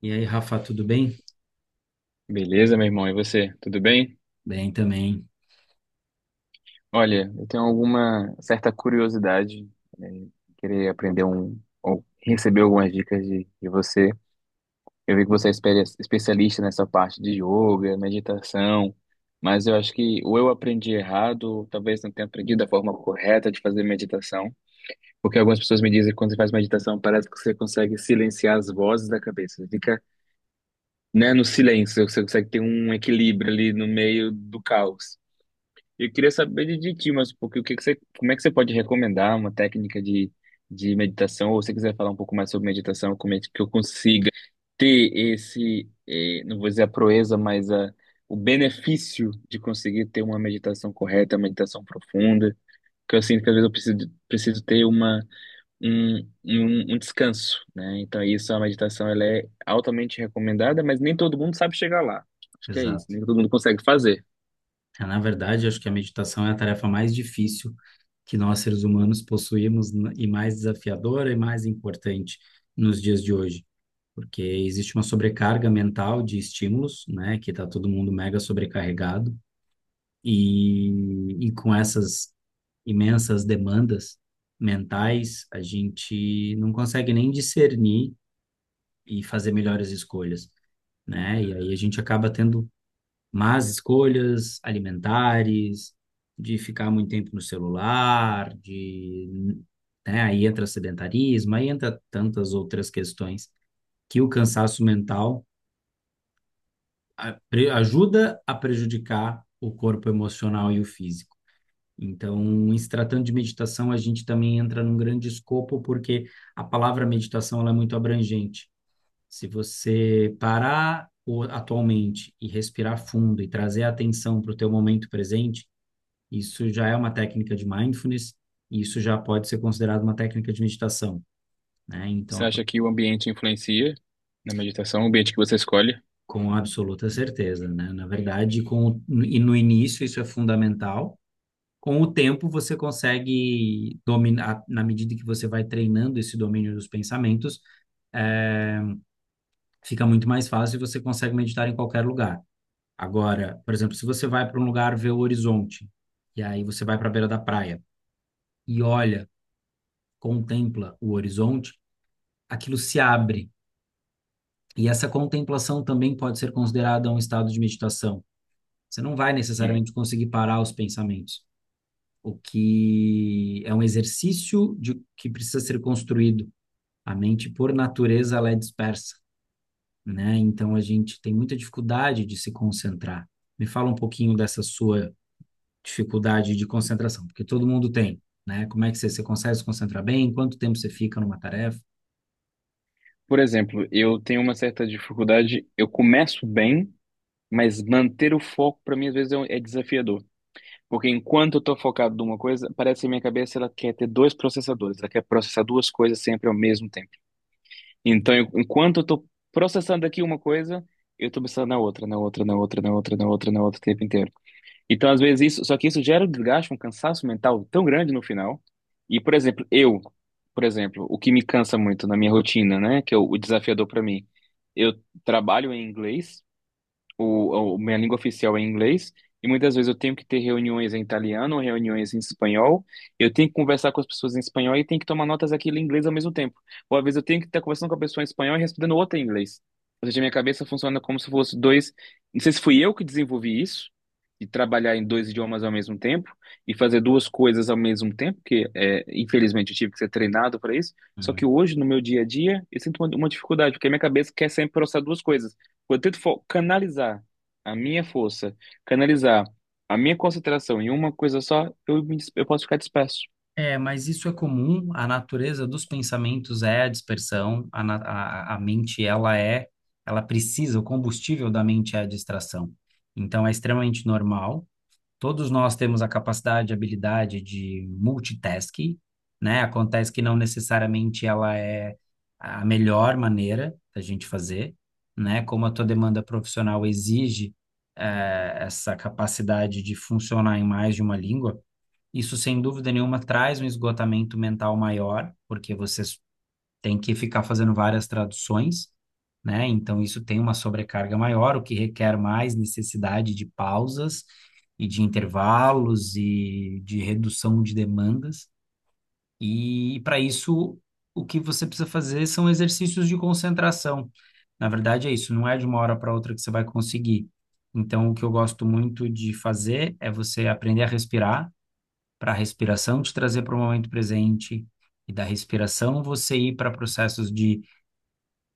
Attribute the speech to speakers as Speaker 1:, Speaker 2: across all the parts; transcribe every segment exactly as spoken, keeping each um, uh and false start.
Speaker 1: E aí, Rafa, tudo bem?
Speaker 2: Beleza, meu irmão, e você? Tudo bem?
Speaker 1: Bem também.
Speaker 2: Olha, eu tenho alguma certa curiosidade, né, querer aprender um, ou receber algumas dicas de, de você. Eu vi que você é espe- especialista nessa parte de yoga, meditação, mas eu acho que ou eu aprendi errado, ou talvez não tenha aprendido a forma correta de fazer meditação, porque algumas pessoas me dizem que quando você faz meditação parece que você consegue silenciar as vozes da cabeça. Você fica, né, no silêncio, você consegue ter um equilíbrio ali no meio do caos. Eu queria saber de, de ti, mas porque o que que você, como é que você pode recomendar uma técnica de, de meditação, ou se você quiser falar um pouco mais sobre meditação, como é que eu consiga ter esse, eh, não vou dizer a proeza, mas a, o benefício de conseguir ter uma meditação correta, uma meditação profunda, que eu sinto que às vezes eu preciso, preciso ter uma, um, um, um descanso, né? Então isso, a meditação, ela é altamente recomendada, mas nem todo mundo sabe chegar lá. Acho que é isso,
Speaker 1: Exato.
Speaker 2: nem todo mundo consegue fazer.
Speaker 1: É, Na verdade, acho que a meditação é a tarefa mais difícil que nós seres humanos possuímos n- e mais desafiadora e mais importante nos dias de hoje, porque existe uma sobrecarga mental de estímulos, né, que está todo mundo mega sobrecarregado e, e com essas imensas demandas mentais, a gente não consegue nem discernir e fazer melhores escolhas, né? E aí a gente acaba tendo, mas escolhas alimentares, de ficar muito tempo no celular, de, né, aí entra sedentarismo, aí entra tantas outras questões que o cansaço mental a- pre- ajuda a prejudicar o corpo emocional e o físico. Então, em se tratando de meditação, a gente também entra num grande escopo, porque a palavra meditação ela é muito abrangente. Se você parar o- atualmente e respirar fundo e trazer a atenção para o teu momento presente, isso já é uma técnica de mindfulness, e isso já pode ser considerado uma técnica de meditação, né? Então,
Speaker 2: Você acha que o ambiente influencia na meditação, o ambiente que você escolhe?
Speaker 1: com absoluta certeza, né? Na verdade, com, e no início isso é fundamental. Com o tempo você consegue dominar, na medida que você vai treinando esse domínio dos pensamentos, é, fica muito mais fácil e você consegue meditar em qualquer lugar. Agora, por exemplo, se você vai para um lugar ver o horizonte, e aí você vai para a beira da praia e olha, contempla o horizonte, aquilo se abre. E essa contemplação também pode ser considerada um estado de meditação. Você não vai
Speaker 2: Sim.
Speaker 1: necessariamente conseguir parar os pensamentos, o que é um exercício de, que precisa ser construído. A mente, por natureza, ela é dispersa, né? Então a gente tem muita dificuldade de se concentrar. Me fala um pouquinho dessa sua dificuldade de concentração, porque todo mundo tem, né? Como é que você, você consegue se concentrar bem? Quanto tempo você fica numa tarefa?
Speaker 2: Por exemplo, eu tenho uma certa dificuldade, eu começo bem, mas manter o foco para mim às vezes é um- é desafiador. Porque enquanto eu tô focado numa coisa, parece que minha cabeça ela quer ter dois processadores, ela quer processar duas coisas sempre ao mesmo tempo. Então, eu- enquanto eu tô processando aqui uma coisa, eu tô pensando na outra, na outra, na outra, na outra, na outra, na outra o tempo inteiro. Então, às vezes, isso, só que isso gera um desgaste, um cansaço mental tão grande no final. E, por exemplo, eu, por exemplo, o que me cansa muito na minha rotina, né, que é o, o desafiador para mim, eu trabalho em inglês o, o- minha língua oficial é inglês, e muitas vezes eu tenho que ter reuniões em italiano, reuniões em espanhol, eu tenho que conversar com as pessoas em espanhol e tenho que tomar notas aqui em inglês ao mesmo tempo. Ou às vezes eu tenho que estar conversando com a pessoa em espanhol e respondendo outra em inglês. Ou seja, minha cabeça funciona como se fosse dois. Não sei se fui eu que desenvolvi isso, de trabalhar em dois idiomas ao mesmo tempo e fazer duas coisas ao mesmo tempo, que é, infelizmente eu tive que ser treinado para isso. Só que
Speaker 1: Hum.
Speaker 2: hoje, no meu dia a dia, eu sinto uma, uma dificuldade, porque a minha cabeça quer sempre processar duas coisas. Quando eu tento fo- canalizar a minha força, canalizar a minha concentração em uma coisa só, eu, me dis- eu posso ficar disperso.
Speaker 1: É, mas isso é comum. A natureza dos pensamentos é a dispersão. A, na- a, a mente, ela é, ela precisa, o combustível da mente é a distração. Então, é extremamente normal. Todos nós temos a capacidade, a habilidade de multitasking, né? Acontece que não necessariamente ela é a melhor maneira da gente fazer, né? Como a tua demanda profissional exige, eh, essa capacidade de funcionar em mais de uma língua, isso, sem dúvida nenhuma, traz um esgotamento mental maior, porque vocês têm que ficar fazendo várias traduções, né? Então, isso tem uma sobrecarga maior, o que requer mais necessidade de pausas e de intervalos e de redução de demandas. E, para isso, o que você precisa fazer são exercícios de concentração. Na verdade, é isso, não é de uma hora para outra que você vai conseguir. Então, o que eu gosto muito de fazer é você aprender a respirar para a respiração te trazer para o momento presente, e da respiração você ir para processos de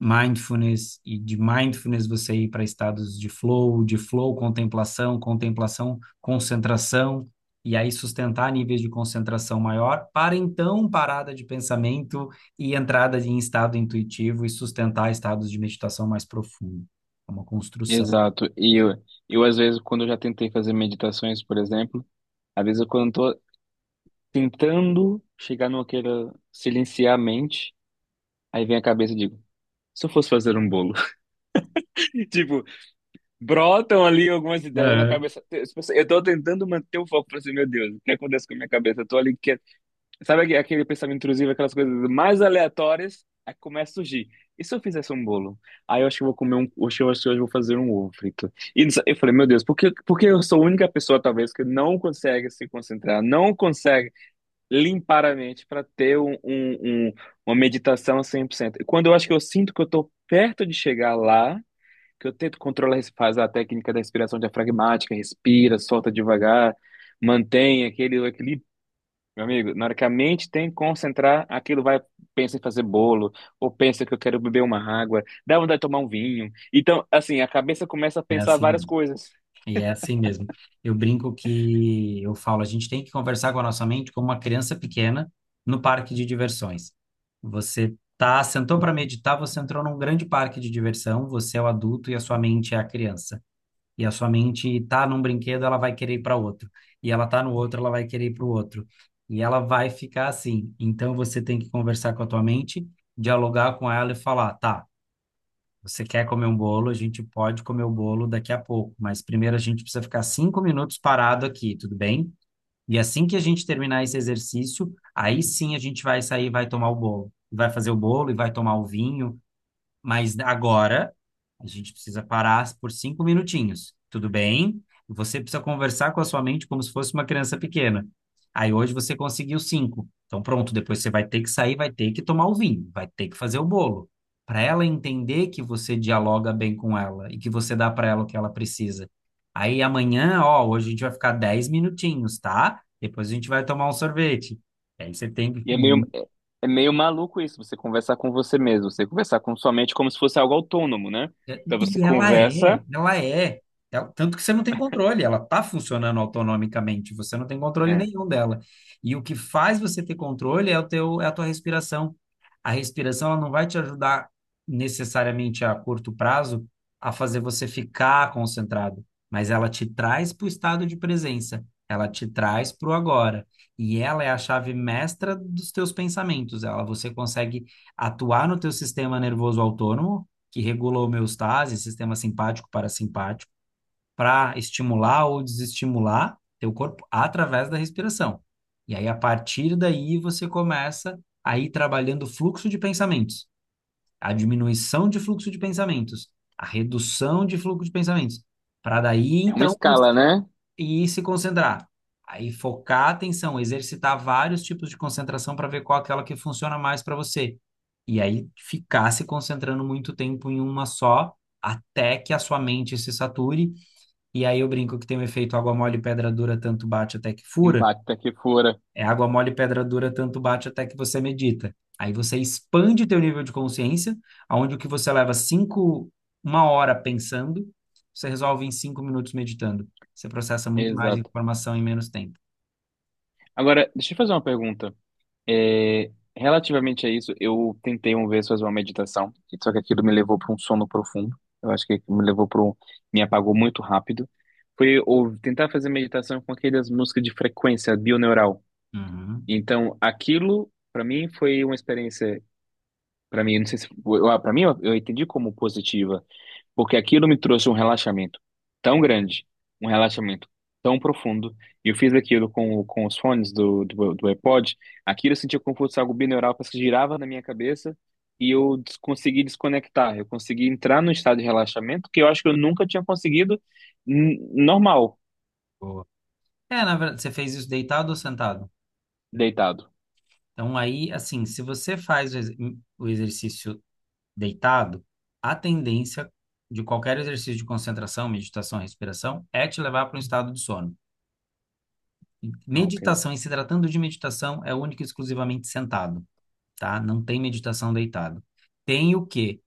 Speaker 1: mindfulness, e de mindfulness você ir para estados de flow, de flow, contemplação, contemplação, concentração, e aí sustentar níveis de concentração maior, para então parada de pensamento e entrada em estado intuitivo e sustentar estados de meditação mais profundo. É uma construção.
Speaker 2: Exato. E eu, eu, às vezes, quando eu já tentei fazer meditações, por exemplo, às vezes, eu, quando eu tô tentando chegar no que era silenciar a mente, aí vem a cabeça e digo, se eu fosse fazer um bolo? Tipo, brotam ali algumas ideias na
Speaker 1: É.
Speaker 2: cabeça. Eu tô tentando manter o foco pra assim, meu Deus, o que acontece com a minha cabeça? Eu tô ali. Sabe aque- aquele pensamento intrusivo, aquelas coisas mais aleatórias, aí começa a surgir. E se eu fizesse um bolo? Aí eu acho que eu vou comer um, acho que eu acho que eu vou fazer um ovo frito. E não sei- eu falei, meu Deus, por que, por que eu sou a única pessoa, talvez, que não consegue se concentrar, não consegue limpar a mente para ter um, um, um- uma meditação cem por cento? E quando eu acho que eu sinto que eu estou perto de chegar lá, que eu tento controlar, faz a técnica da respiração diafragmática, respira, solta devagar, mantém aquele equilíbrio meu amigo, na hora que a mente tem que concentrar, aquilo vai, pensa em fazer bolo, ou pensa que eu quero beber uma água, dá vontade de tomar um vinho. Então, assim, a cabeça começa a
Speaker 1: É
Speaker 2: pensar
Speaker 1: assim
Speaker 2: várias
Speaker 1: mesmo.
Speaker 2: coisas.
Speaker 1: E é assim mesmo. Eu brinco que eu falo, a gente tem que conversar com a nossa mente como uma criança pequena no parque de diversões. Você tá, sentou para meditar, você entrou num grande parque de diversão, você é o adulto e a sua mente é a criança. E a sua mente tá num brinquedo, ela vai querer ir para outro. E ela tá no outro, ela vai querer ir para o outro. E ela vai ficar assim. Então você tem que conversar com a tua mente, dialogar com ela e falar, tá, você quer comer um bolo? A gente pode comer o bolo daqui a pouco, mas primeiro a gente precisa ficar cinco minutos parado aqui, tudo bem? E assim que a gente terminar esse exercício, aí sim a gente vai sair e vai tomar o bolo. Vai fazer o bolo e vai tomar o vinho, mas agora a gente precisa parar por cinco minutinhos. Tudo bem? Você precisa conversar com a sua mente como se fosse uma criança pequena. Aí hoje você conseguiu cinco. Então pronto, depois você vai ter que sair, vai ter que tomar o vinho, vai ter que fazer o bolo. Para ela entender que você dialoga bem com ela e que você dá para ela o que ela precisa. Aí amanhã, ó, hoje a gente vai ficar dez minutinhos, tá? Depois a gente vai tomar um sorvete. Aí você tem que
Speaker 2: E é
Speaker 1: ir.
Speaker 2: meio, é é meio maluco isso, você conversar com você mesmo, você conversar com sua mente como se fosse algo autônomo, né?
Speaker 1: É,
Speaker 2: Então você
Speaker 1: E ela
Speaker 2: conversa,
Speaker 1: é, ela é. Ela- tanto que você não tem controle, ela está funcionando autonomicamente, você não tem controle
Speaker 2: é,
Speaker 1: nenhum dela. E o que faz você ter controle é o teu, é a tua respiração. A respiração, ela não vai te ajudar necessariamente a curto prazo a fazer você ficar concentrado, mas ela te traz para o estado de presença, ela te traz para o agora. E ela é a chave mestra dos teus pensamentos. Ela, você consegue atuar no teu sistema nervoso autônomo que regula a homeostase, sistema simpático parasimpático, para estimular ou desestimular teu corpo através da respiração. E aí, a partir daí, você começa a ir trabalhando o fluxo de pensamentos, a diminuição de fluxo de pensamentos, a redução de fluxo de pensamentos, para daí,
Speaker 2: é uma
Speaker 1: então,
Speaker 2: escala, né?
Speaker 1: e se concentrar. Aí focar a atenção, exercitar vários tipos de concentração para ver qual é aquela que funciona mais para você. E aí ficar se concentrando muito tempo em uma só, até que a sua mente se sature. E aí eu brinco que tem o efeito água mole, pedra dura, tanto bate até que fura.
Speaker 2: Impacta que fora.
Speaker 1: É água mole, pedra dura, tanto bate até que você medita. Aí você expande teu nível de consciência, aonde o que você leva cinco, uma hora pensando, você resolve em cinco minutos meditando. Você processa muito mais
Speaker 2: Exato.
Speaker 1: informação em menos tempo.
Speaker 2: Agora, deixa eu fazer uma pergunta. É, relativamente a isso, eu tentei uma vez fazer uma meditação, só que aquilo me levou para um sono profundo. Eu acho que me levou para um, me apagou muito rápido. Foi ou, tentar fazer meditação com aquelas músicas de frequência bioneural.
Speaker 1: Uhum.
Speaker 2: Então, aquilo para mim foi uma experiência, para mim, não sei se, para mim eu, eu entendi como positiva porque aquilo me trouxe um relaxamento tão grande, um relaxamento tão profundo, e eu fiz aquilo com, com os fones do, do, do iPod, aquilo eu sentia como se fosse algo binaural, parece que girava na minha cabeça, e eu des- consegui desconectar, eu consegui entrar num estado de relaxamento que eu acho que eu nunca tinha conseguido n- normal,
Speaker 1: Boa. É, na verdade, você fez isso deitado ou sentado?
Speaker 2: deitado.
Speaker 1: Então, aí, assim, se você faz o ex- o exercício deitado, a tendência de qualquer exercício de concentração, meditação, respiração, é te levar para um estado de sono.
Speaker 2: Ah, ok.
Speaker 1: Meditação, e se tratando de meditação, é única e exclusivamente sentado, tá? Não tem meditação deitado. Tem o quê?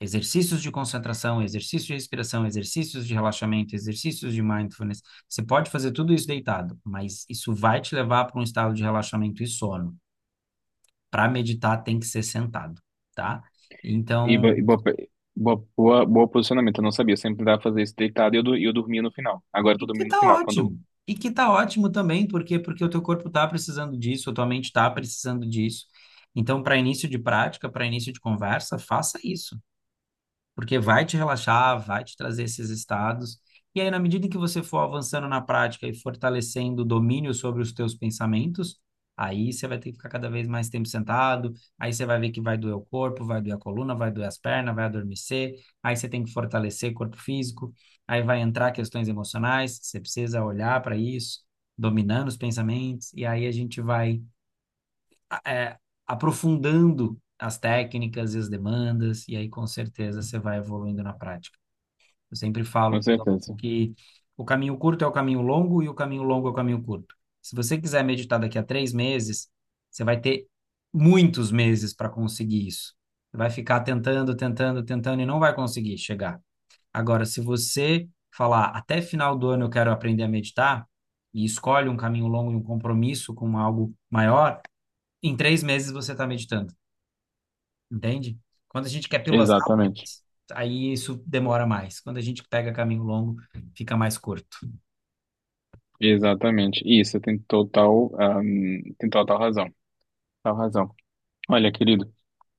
Speaker 1: Exercícios de concentração, exercícios de respiração, exercícios de relaxamento, exercícios de mindfulness. Você pode fazer tudo isso deitado, mas isso vai te levar para um estado de relaxamento e sono. Para meditar, tem que ser sentado, tá?
Speaker 2: E, bo-
Speaker 1: Então,
Speaker 2: e boa, pe- boa, boa, boa posicionamento, eu não sabia, eu sempre tentava fazer isso deitado e eu, du- e eu dormia no final. Agora eu
Speaker 1: e
Speaker 2: tô
Speaker 1: que
Speaker 2: dormindo no
Speaker 1: tá
Speaker 2: final, quando...
Speaker 1: ótimo. E que tá ótimo também, porque porque o teu corpo tá precisando disso, a tua mente tá precisando disso. Então, para início de prática, para início de conversa, faça isso porque vai te relaxar, vai te trazer esses estados. E aí, na medida em que você for avançando na prática e fortalecendo o domínio sobre os teus pensamentos, aí você vai ter que ficar cada vez mais tempo sentado, aí você vai ver que vai doer o corpo, vai doer a coluna, vai doer as pernas, vai adormecer, aí você tem que fortalecer corpo físico, aí vai entrar questões emocionais, você precisa olhar para isso, dominando os pensamentos, e aí a gente vai é, aprofundando as técnicas e as demandas, e aí com certeza você vai evoluindo na prática. Eu sempre falo
Speaker 2: Com
Speaker 1: pro doc-
Speaker 2: certeza.
Speaker 1: que o caminho curto é o caminho longo e o caminho longo é o caminho curto. Se você quiser meditar daqui a três meses, você vai ter muitos meses para conseguir isso. Você vai ficar tentando, tentando, tentando e não vai conseguir chegar. Agora, se você falar até final do ano eu quero aprender a meditar, e escolhe um caminho longo e um compromisso com algo maior, em três meses você está meditando, entende? Quando a gente quer pílulas
Speaker 2: Exatamente.
Speaker 1: rápidas, aí isso demora mais. Quando a gente pega caminho longo, fica mais curto.
Speaker 2: Exatamente. Isso, tem total, ahm, tem total razão. Total razão. Olha, querido,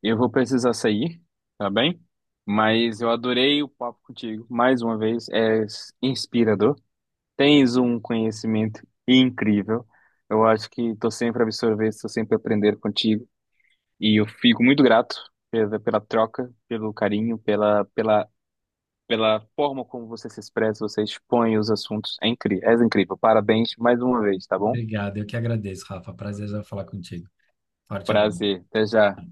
Speaker 2: eu vou precisar sair, tá bem? Mas eu adorei o papo contigo. Mais uma vez, é inspirador. Tens um conhecimento incrível. Eu acho que estou sempre a absorver, estou sempre a aprender contigo. E eu fico muito grato pela, pela troca, pelo carinho, pela, pela, pela forma como você se expressa, você expõe os assuntos. É incrível, és incrível. Parabéns mais uma vez, tá bom?
Speaker 1: Obrigado, eu que agradeço, Rafa. Prazer já falar contigo. Forte abraço.
Speaker 2: Prazer, até já.